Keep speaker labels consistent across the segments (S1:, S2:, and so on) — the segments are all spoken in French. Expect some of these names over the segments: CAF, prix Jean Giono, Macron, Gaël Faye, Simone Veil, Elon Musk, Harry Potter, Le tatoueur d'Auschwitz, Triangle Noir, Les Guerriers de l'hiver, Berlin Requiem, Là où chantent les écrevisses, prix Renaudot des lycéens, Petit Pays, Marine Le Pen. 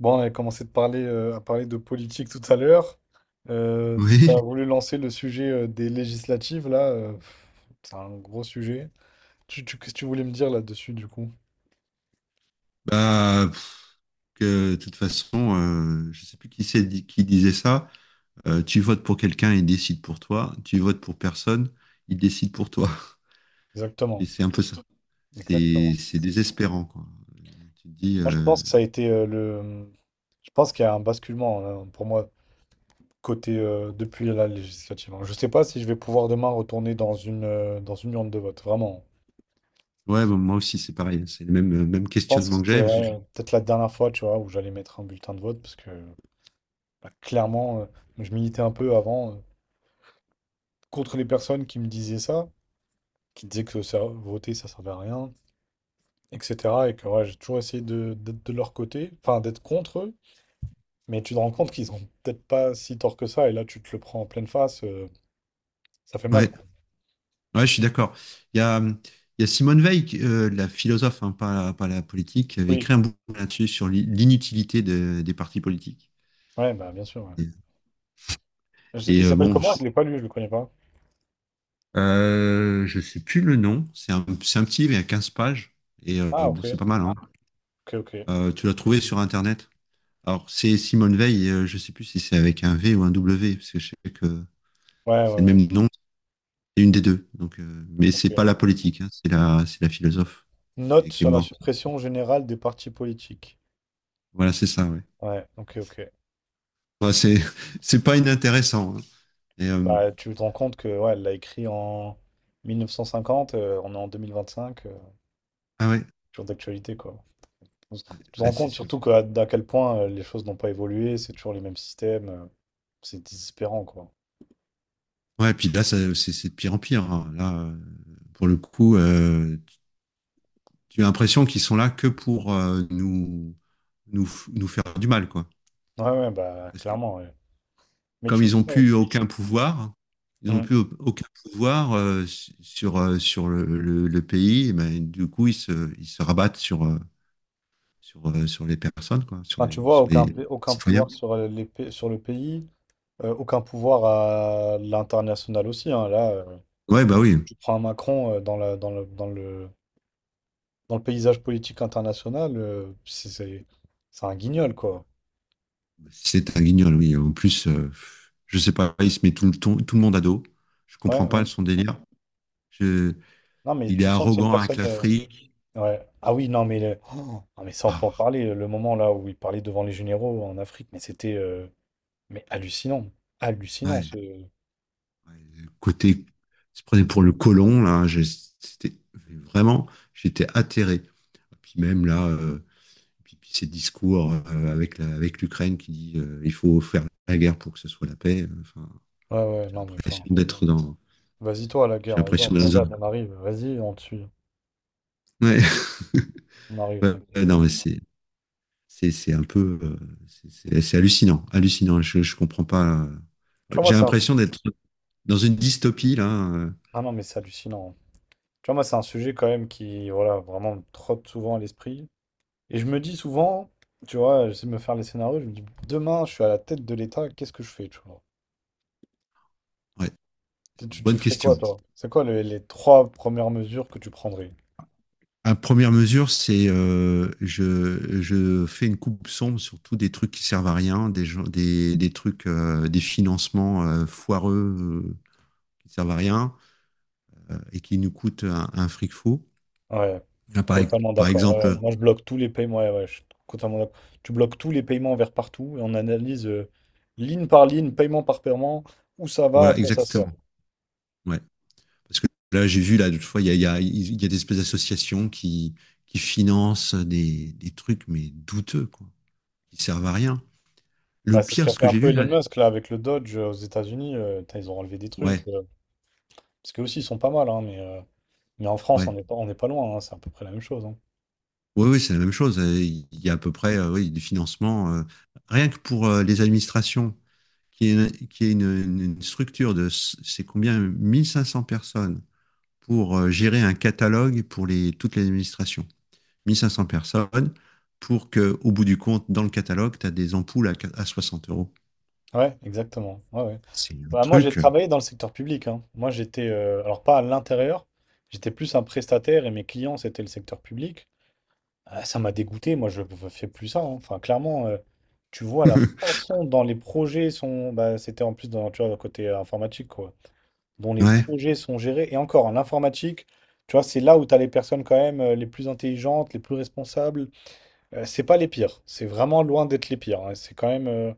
S1: Bon, on avait commencé de parler, à parler de politique tout à l'heure. Euh, Tu as
S2: Oui,
S1: voulu lancer le sujet des législatives, là. C'est un gros sujet. Qu'est-ce que tu voulais me dire là-dessus, du coup?
S2: bah, pff, de toute façon, je sais plus qui disait ça. Tu votes pour quelqu'un, il décide pour toi. Tu votes pour personne, il décide pour toi. Et
S1: Exactement.
S2: c'est un peu ça. C'est
S1: Exactement.
S2: c'est désespérant, quoi. Tu te dis,
S1: Moi, je pense que ça a été. Je pense qu'il y a un basculement, pour moi, côté depuis la législative. Hein. Je sais pas si je vais pouvoir demain retourner dans une urne de vote, vraiment.
S2: ouais, bon, moi aussi, c'est pareil. C'est le même
S1: Je pense que
S2: questionnement que
S1: c'était,
S2: j'ai,
S1: ouais, peut-être la dernière fois, tu vois, où j'allais mettre un bulletin de vote, parce que. Bah, clairement, je militais un peu avant contre les personnes qui me disaient ça, qui disaient que voter ça servait à rien, etc. Et que, ouais, j'ai toujours essayé d'être de leur côté, enfin d'être contre eux, mais tu te rends compte qu'ils ont peut-être pas si tort que ça, et là tu te le prends en pleine face, ça fait mal,
S2: ouais,
S1: quoi.
S2: ouais, je suis d'accord. Il y a Simone Veil, la philosophe, hein, pas la politique, qui avait écrit
S1: Oui,
S2: un bouquin là-dessus sur l'inutilité des partis politiques.
S1: ouais, bah bien sûr. Ouais.
S2: Et
S1: Il s'appelle comment? Je l'ai pas lu, je le connais pas.
S2: Je sais plus le nom. C'est un petit livre, il y a 15 pages. Et
S1: Ah,
S2: bon,
S1: ok,
S2: c'est pas mal, hein.
S1: ok, ok.
S2: Tu l'as trouvé sur Internet. Alors, c'est Simone Veil. Je sais plus si c'est avec un V ou un W, parce que je sais que
S1: Ouais,
S2: c'est
S1: ouais,
S2: le
S1: ouais.
S2: même nom. C'est une des deux. Donc, mais c'est
S1: Ok.
S2: pas la politique, hein, c'est la philosophe
S1: Note
S2: qui est
S1: sur la
S2: morte.
S1: suppression générale des partis politiques.
S2: Voilà, c'est ça. Ouais.
S1: Ouais, ok, ok.
S2: Enfin, c'est, c'est pas inintéressant, hein. Et, euh,
S1: Bah, tu te rends compte que, ouais, elle l'a écrit en 1950, on est en 2025,
S2: ah ouais,
S1: toujours d'actualité quoi. Tu
S2: ouais,
S1: te
S2: ouais,
S1: rends
S2: c'est
S1: compte
S2: sûr.
S1: surtout que, d'à quel point les choses n'ont pas évolué, c'est toujours les mêmes systèmes, c'est désespérant quoi.
S2: Ouais, puis là, c'est de pire en pire, hein. Là, pour le coup, tu as l'impression qu'ils sont là que pour nous, nous faire du mal, quoi.
S1: Ouais, ouais, bah
S2: Parce que
S1: clairement, ouais. Mais
S2: comme
S1: tu
S2: ils n'ont
S1: vois,
S2: plus aucun pouvoir, ils n'ont
S1: Mm.
S2: plus aucun pouvoir sur, le pays, et ben, du coup, ils se rabattent sur, sur les personnes, quoi,
S1: Enfin, tu vois
S2: sur les
S1: aucun
S2: citoyens.
S1: pouvoir sur, sur le pays, aucun pouvoir à l'international aussi. Hein. Là,
S2: Ouais, bah oui.
S1: tu prends un Macron dans la, dans le, dans le, dans le paysage politique international, c'est un guignol quoi.
S2: C'est un guignol, oui. En plus, je sais pas, il se met tout le monde à dos. Je
S1: Ouais,
S2: comprends pas
S1: ouais.
S2: son délire. Je-
S1: Non, mais
S2: il est
S1: tu sens que c'est une
S2: arrogant avec
S1: personne.
S2: l'Afrique.
S1: Ouais. Ah oui, non, mais, oh, ah, mais ça, on peut en
S2: Ah,
S1: parler. Le moment là où il parlait devant les généraux en Afrique, mais c'était mais hallucinant. Hallucinant,
S2: ouais.
S1: ce. Ouais,
S2: Ouais, le côté, se prenait pour le colon, là, c'était vraiment, j'étais atterré. Puis même là, puis ces discours avec l'Ukraine qui dit il faut faire la guerre pour que ce soit la paix. Enfin,
S1: ouais,
S2: j'ai
S1: non, mais enfin.
S2: l'impression d'être dans,
S1: Vas-y, toi, à la guerre,
S2: j'ai
S1: vas-y, on
S2: l'impression
S1: te
S2: d'être dans
S1: regarde,
S2: un.
S1: on arrive. Vas-y, on te suit.
S2: Ouais.
S1: On arrive,
S2: Ouais, ouais,
S1: t'inquiète.
S2: non, mais c'est un peu, c'est hallucinant, hallucinant. Je comprends pas.
S1: Tu
S2: Ouais,
S1: vois, moi,
S2: j'ai
S1: c'est un.
S2: l'impression d'être dans une dystopie là.
S1: Ah non, mais c'est hallucinant. Tu vois, moi, c'est un sujet quand même qui, voilà, vraiment me trotte souvent à l'esprit. Et je me dis souvent, tu vois, j'essaie de me faire les scénarios, je me dis, demain, je suis à la tête de l'État, qu'est-ce que je fais, tu vois?
S2: Ouais, c'est une
S1: Tu
S2: bonne
S1: ferais
S2: question.
S1: quoi, toi? C'est quoi les trois premières mesures que tu prendrais?
S2: À première mesure, c'est je fais une coupe sombre sur tous des trucs qui servent à rien, des trucs, des financements foireux qui servent à rien et qui nous coûtent un fric fou.
S1: Ouais,
S2: Là,
S1: totalement
S2: par
S1: d'accord. Ouais. Ouais.
S2: exemple,
S1: Moi, je bloque tous les paiements. Ouais, ouais, je suis totalement d'accord. Tu bloques tous les paiements vers partout et on analyse ligne par ligne, paiement par paiement, où ça va, à
S2: voilà,
S1: quoi ça sert.
S2: exactement. Ouais. Parce que là, j'ai vu, là, l'autre fois, il y a des espèces d'associations qui financent des trucs, mais douteux, quoi, qui servent à rien. Le
S1: Bah, c'est ce
S2: pire,
S1: qu'a
S2: ce
S1: fait
S2: que
S1: un
S2: j'ai
S1: peu
S2: vu,
S1: Elon
S2: là,
S1: Musk là avec le Dodge aux États-Unis. Putain, ils ont enlevé des trucs.
S2: ouais,
S1: euh, parce que aussi, ils sont pas mal, hein, mais en France, on
S2: ouais.
S1: n'est pas, on n'est pas loin, hein, c'est à peu près la même chose. Hein.
S2: Oui, oui, c'est la même chose. Il y a à peu près oui, du financement. Rien que pour les administrations, qui est une, une structure de, c'est combien, 1500 personnes pour gérer un catalogue pour toutes les administrations. 1500 personnes pour que, au bout du compte, dans le catalogue, tu as des ampoules à, à 60 euros.
S1: Ouais, exactement. Ouais, ouais.
S2: C'est un
S1: Bah, moi, j'ai
S2: truc.
S1: travaillé dans le secteur public. Hein. Moi, j'étais, alors pas à l'intérieur, j'étais plus un prestataire et mes clients, c'était le secteur public. Ah, ça m'a dégoûté, moi je ne fais plus ça. Hein. Enfin, clairement, tu vois la façon dont les projets sont. Bah, c'était en plus dans, tu vois, le côté informatique, quoi. Dont les
S2: Ouais,
S1: projets sont gérés. Et encore, en informatique, tu vois, c'est là où tu as les personnes quand même les plus intelligentes, les plus responsables. C'est pas les pires. C'est vraiment loin d'être les pires. Hein. C'est quand même.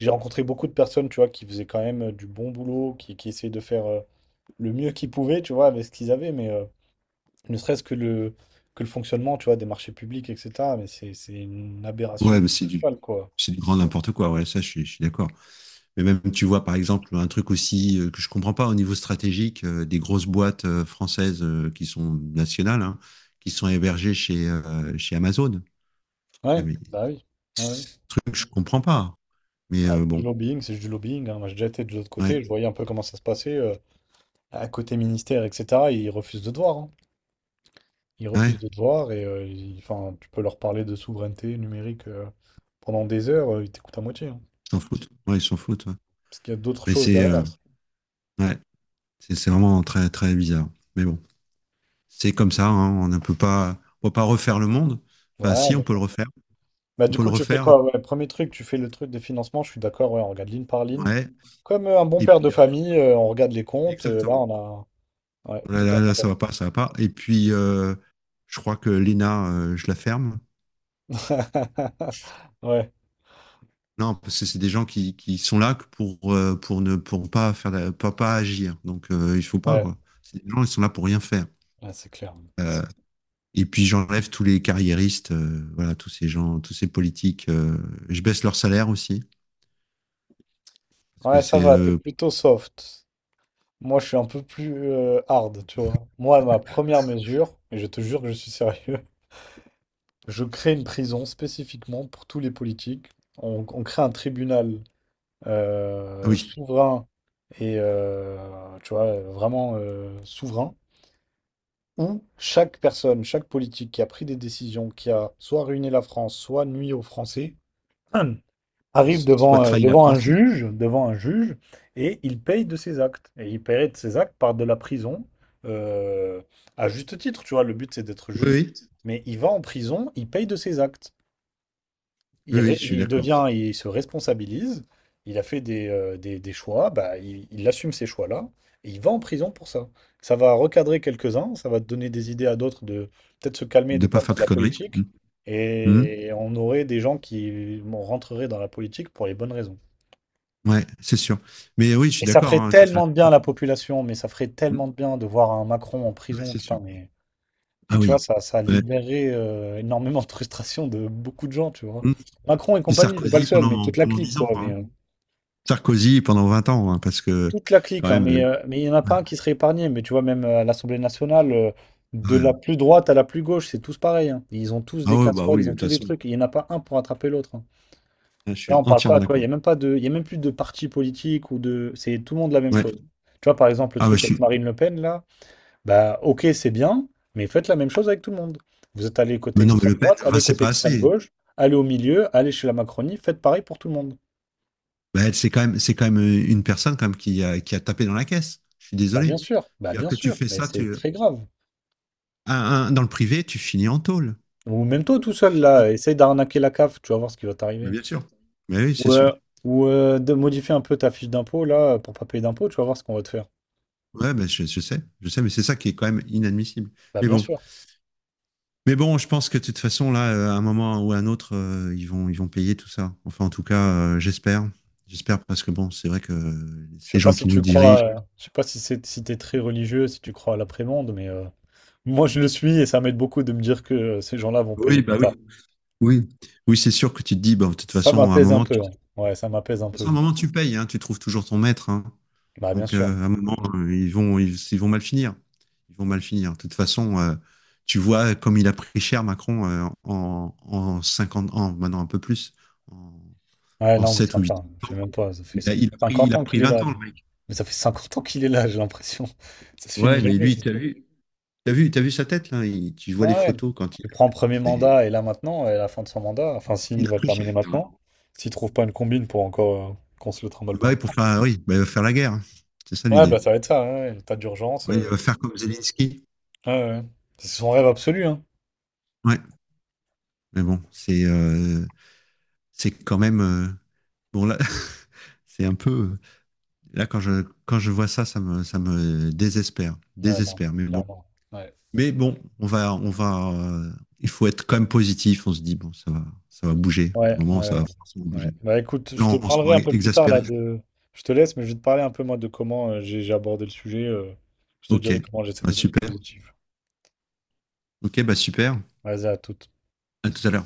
S1: J'ai rencontré beaucoup de personnes, tu vois, qui faisaient quand même du bon boulot, qui essayaient de faire le mieux qu'ils pouvaient, tu vois, avec ce qu'ils avaient. Ne serait-ce que le fonctionnement, tu vois, des marchés publics, etc. Mais c'est une
S2: ouais, mais
S1: aberration totale, quoi.
S2: c'est du grand n'importe quoi. Ouais, ça, je suis d'accord. Mais même, tu vois, par exemple, un truc aussi que je comprends pas au niveau stratégique, des grosses boîtes françaises qui sont nationales, hein, qui sont hébergées chez Amazon.
S1: Ouais,
S2: Jamais.
S1: bah oui. Ouais.
S2: Ce truc, je comprends pas. Mais
S1: Bah, du
S2: bon,
S1: lobbying, c'est juste du lobbying. Hein. Moi, j'ai déjà été de l'autre côté, je
S2: ouais,
S1: voyais un peu comment ça se passait. À côté ministère, etc., ils refusent de te voir. Hein. Ils
S2: ouais,
S1: refusent de te voir et enfin, tu peux leur parler de souveraineté numérique pendant des heures, ils t'écoutent à moitié. Hein.
S2: ils s'en foutent. Ouais, ils s'en foutent, ouais.
S1: Parce qu'il y a d'autres
S2: Mais
S1: choses
S2: c'est
S1: derrière.
S2: ouais, c'est vraiment très, très bizarre. Mais bon, c'est comme ça, hein, on ne peut pas, on peut pas refaire le monde. Enfin,
S1: Ouais,
S2: si, on
S1: mais
S2: peut le refaire.
S1: bah
S2: On
S1: du
S2: peut le
S1: coup tu fais
S2: refaire.
S1: quoi? Ouais, premier truc, tu fais le truc de financement, je suis d'accord, ouais, on regarde ligne par ligne.
S2: Ouais.
S1: Comme un bon
S2: Et
S1: père de
S2: puis après,
S1: famille, on regarde les comptes, là
S2: exactement.
S1: on a... Ouais, tout un.
S2: Là, ça va pas, ça va pas. Et puis, je crois que Lena, je la ferme.
S1: Ouais,
S2: Non, parce que c'est des gens qui sont là que pour ne pour pas faire pas agir. Donc, il faut pas,
S1: ouais,
S2: quoi. C'est des gens, ils sont là pour rien faire.
S1: ouais, c'est clair.
S2: Euh, et puis, j'enlève tous les carriéristes, voilà, tous ces gens, tous ces politiques. Je baisse leur salaire aussi. Parce que
S1: Ouais, ça
S2: c'est.
S1: va, t'es plutôt soft. Moi je suis un peu plus hard, tu vois. Moi, ma première mesure, et je te jure que je suis sérieux, je crée une prison spécifiquement pour tous les politiques. On crée un tribunal
S2: Ah oui,
S1: souverain et tu vois, vraiment souverain, où chaque personne, chaque politique qui a pris des décisions, qui a soit ruiné la France, soit nuit aux Français, arrive
S2: soit
S1: devant, euh,
S2: trahi la
S1: devant un
S2: France. Oui,
S1: juge, et il paye de ses actes. Et il paierait de ses actes par de la prison, euh, à juste titre, tu vois, le but c'est d'être juste,
S2: oui,
S1: mais il va en prison, il paye de ses actes
S2: oui, oui, je suis
S1: il
S2: d'accord.
S1: devient, il se responsabilise, il a fait des choix, bah, il assume ces choix-là, et il va en prison pour ça. Ça va recadrer quelques-uns, ça va donner des idées à d'autres de peut-être se calmer,
S2: De
S1: de ne
S2: pas
S1: pas
S2: faire
S1: faire
S2: de
S1: de la
S2: conneries.
S1: politique,
S2: Mhm. Mhm.
S1: et on aurait des gens qui bon, rentreraient dans la politique pour les bonnes raisons.
S2: Ouais, c'est sûr. Mais oui, je suis
S1: Et ça
S2: d'accord,
S1: ferait
S2: hein, de toute façon.
S1: tellement de bien à la population, mais ça ferait tellement
S2: Mhm.
S1: de bien de voir un Macron en
S2: Ouais,
S1: prison,
S2: c'est sûr.
S1: putain,
S2: Ah
S1: mais tu vois,
S2: oui.
S1: ça
S2: Ouais.
S1: libérerait énormément de frustration de beaucoup de gens, tu vois.
S2: Mmh.
S1: Macron et
S2: Puis
S1: compagnie, c'est pas le
S2: Sarkozy
S1: seul, mais toute la
S2: pendant
S1: clique,
S2: 10 ans,
S1: quoi.
S2: quoi, hein. Sarkozy pendant 20 ans, hein, parce que
S1: Toute la clique,
S2: quand
S1: hein,
S2: même.
S1: mais il n'y en a
S2: Ouais,
S1: pas un qui serait épargné. Mais tu vois, même à l'Assemblée nationale, de la
S2: ouais.
S1: plus droite à la plus gauche, c'est tous pareil. Hein. Ils ont tous
S2: Ah
S1: des
S2: ouais, bah
S1: casseroles,
S2: oui, de
S1: ils ont
S2: toute
S1: tous des
S2: façon,
S1: trucs. Il n'y en a pas un pour attraper l'autre. Hein.
S2: je suis
S1: Là, on parle
S2: entièrement
S1: pas, tu vois, il n'y
S2: d'accord.
S1: a même pas de, il y a même plus de parti politique ou de, c'est tout le monde la même
S2: Ouais.
S1: chose. Tu vois, par exemple, le
S2: Ah bah
S1: truc
S2: je
S1: avec
S2: suis.
S1: Marine Le Pen, là, bah, ok, c'est bien, mais faites la même chose avec tout le monde. Vous êtes allé côté
S2: Mais non, mais
S1: extrême
S2: Le Pen,
S1: droite,
S2: enfin,
S1: allez
S2: c'est
S1: côté
S2: pas
S1: extrême
S2: assez.
S1: gauche, allez au milieu, allez chez la Macronie, faites pareil pour tout le monde.
S2: Bah, elle, c'est quand même une personne quand même qui a tapé dans la caisse. Je suis désolé.
S1: Bah,
S2: C'est-à-dire
S1: bien
S2: que tu
S1: sûr,
S2: fais
S1: mais
S2: ça,
S1: c'est très grave.
S2: un- dans le privé, tu finis en tôle.
S1: Ou même toi tout
S2: Tu
S1: seul
S2: finis en-
S1: là, essaye d'arnaquer la CAF, tu vas voir ce qui va
S2: Mais
S1: t'arriver.
S2: bien sûr. Mais oui, c'est
S1: Ou,
S2: sûr.
S1: euh, ou De modifier un peu ta fiche d'impôt là pour pas payer d'impôt, tu vas voir ce qu'on va te faire.
S2: Ouais, bah, je sais, mais c'est ça qui est quand même inadmissible.
S1: Bah
S2: Mais
S1: bien
S2: bon,
S1: sûr.
S2: Mais bon, je pense que de toute façon, là, à un moment ou à un autre, ils vont payer tout ça. Enfin, en tout cas, j'espère. J'espère parce que bon, c'est vrai que
S1: Je
S2: ces
S1: sais pas
S2: gens
S1: si
S2: qui nous
S1: tu crois,
S2: dirigent.
S1: je sais pas si c'est si t'es très religieux, si tu crois à l'après-monde, moi je le suis et ça m'aide beaucoup de me dire que ces gens-là vont payer
S2: Oui,
S1: plus
S2: bah oui.
S1: tard.
S2: Oui, oui, c'est sûr que tu te dis, bah, de toute
S1: Ça
S2: façon, à un
S1: m'apaise un
S2: moment,
S1: peu.
S2: de
S1: Hein.
S2: toute
S1: Ouais, ça m'apaise un
S2: façon, à
S1: peu.
S2: un moment, tu payes, hein, tu trouves toujours ton maître, hein.
S1: Bah bien
S2: Donc,
S1: sûr.
S2: à un moment,
S1: Mm.
S2: ils vont mal finir. Ils vont mal finir. De toute façon, tu vois comme il a pris cher Macron en 50 ans, maintenant un peu plus, en,
S1: Ouais,
S2: en
S1: non, mais
S2: 7 ou huit
S1: attends, je
S2: ans.
S1: sais même pas, ça fait ça fait
S2: Il
S1: 50
S2: a
S1: ans
S2: pris
S1: qu'il est
S2: 20
S1: là.
S2: ans,
S1: Lui.
S2: le mec.
S1: Mais ça fait 50 ans qu'il est là, j'ai l'impression. Ça se finit
S2: Ouais, mais
S1: jamais.
S2: lui, t'as vu sa tête là? Tu vois les
S1: Ah ouais.
S2: photos quand
S1: Tu prends premier
S2: c'est-
S1: mandat et là maintenant, et à la fin de son mandat, enfin s'il
S2: il a
S1: va le
S2: pris cher,
S1: terminer
S2: hein.
S1: maintenant, s'il trouve pas une combine pour encore qu'on se le trimballe
S2: Bah
S1: pas.
S2: oui, pour faire, oui, bah, il va faire la guerre, hein. C'est ça
S1: Ouais,
S2: l'idée.
S1: bah ça va être ça, ouais, ouais, l'état d'urgence.
S2: Oui, il
S1: euh,
S2: va faire comme Zelensky.
S1: Ouais, ouais. C'est son rêve absolu, hein.
S2: Ouais, mais bon, c'est quand même, bon là, c'est un peu, là quand je vois ça, ça me
S1: Ouais, non, mais
S2: désespère. Mais bon,
S1: clairement. Ouais.
S2: mais bon, on va, il faut être quand même positif. On se dit bon, ça va bouger. À
S1: Ouais,
S2: un
S1: ouais,
S2: moment, ça
S1: ouais.
S2: va forcément
S1: Ouais.
S2: bouger.
S1: Bah écoute,
S2: Les
S1: je te
S2: gens
S1: parlerai
S2: sont
S1: un peu plus tard
S2: exaspérés.
S1: là de. Je te laisse, mais je vais te parler un peu moi de comment j'ai abordé le sujet. Je te
S2: Ok.
S1: dirai comment j'essaie
S2: Bah,
S1: de plus
S2: super.
S1: positif.
S2: Ok, bah super.
S1: Vas-y, à toute.
S2: À tout à l'heure.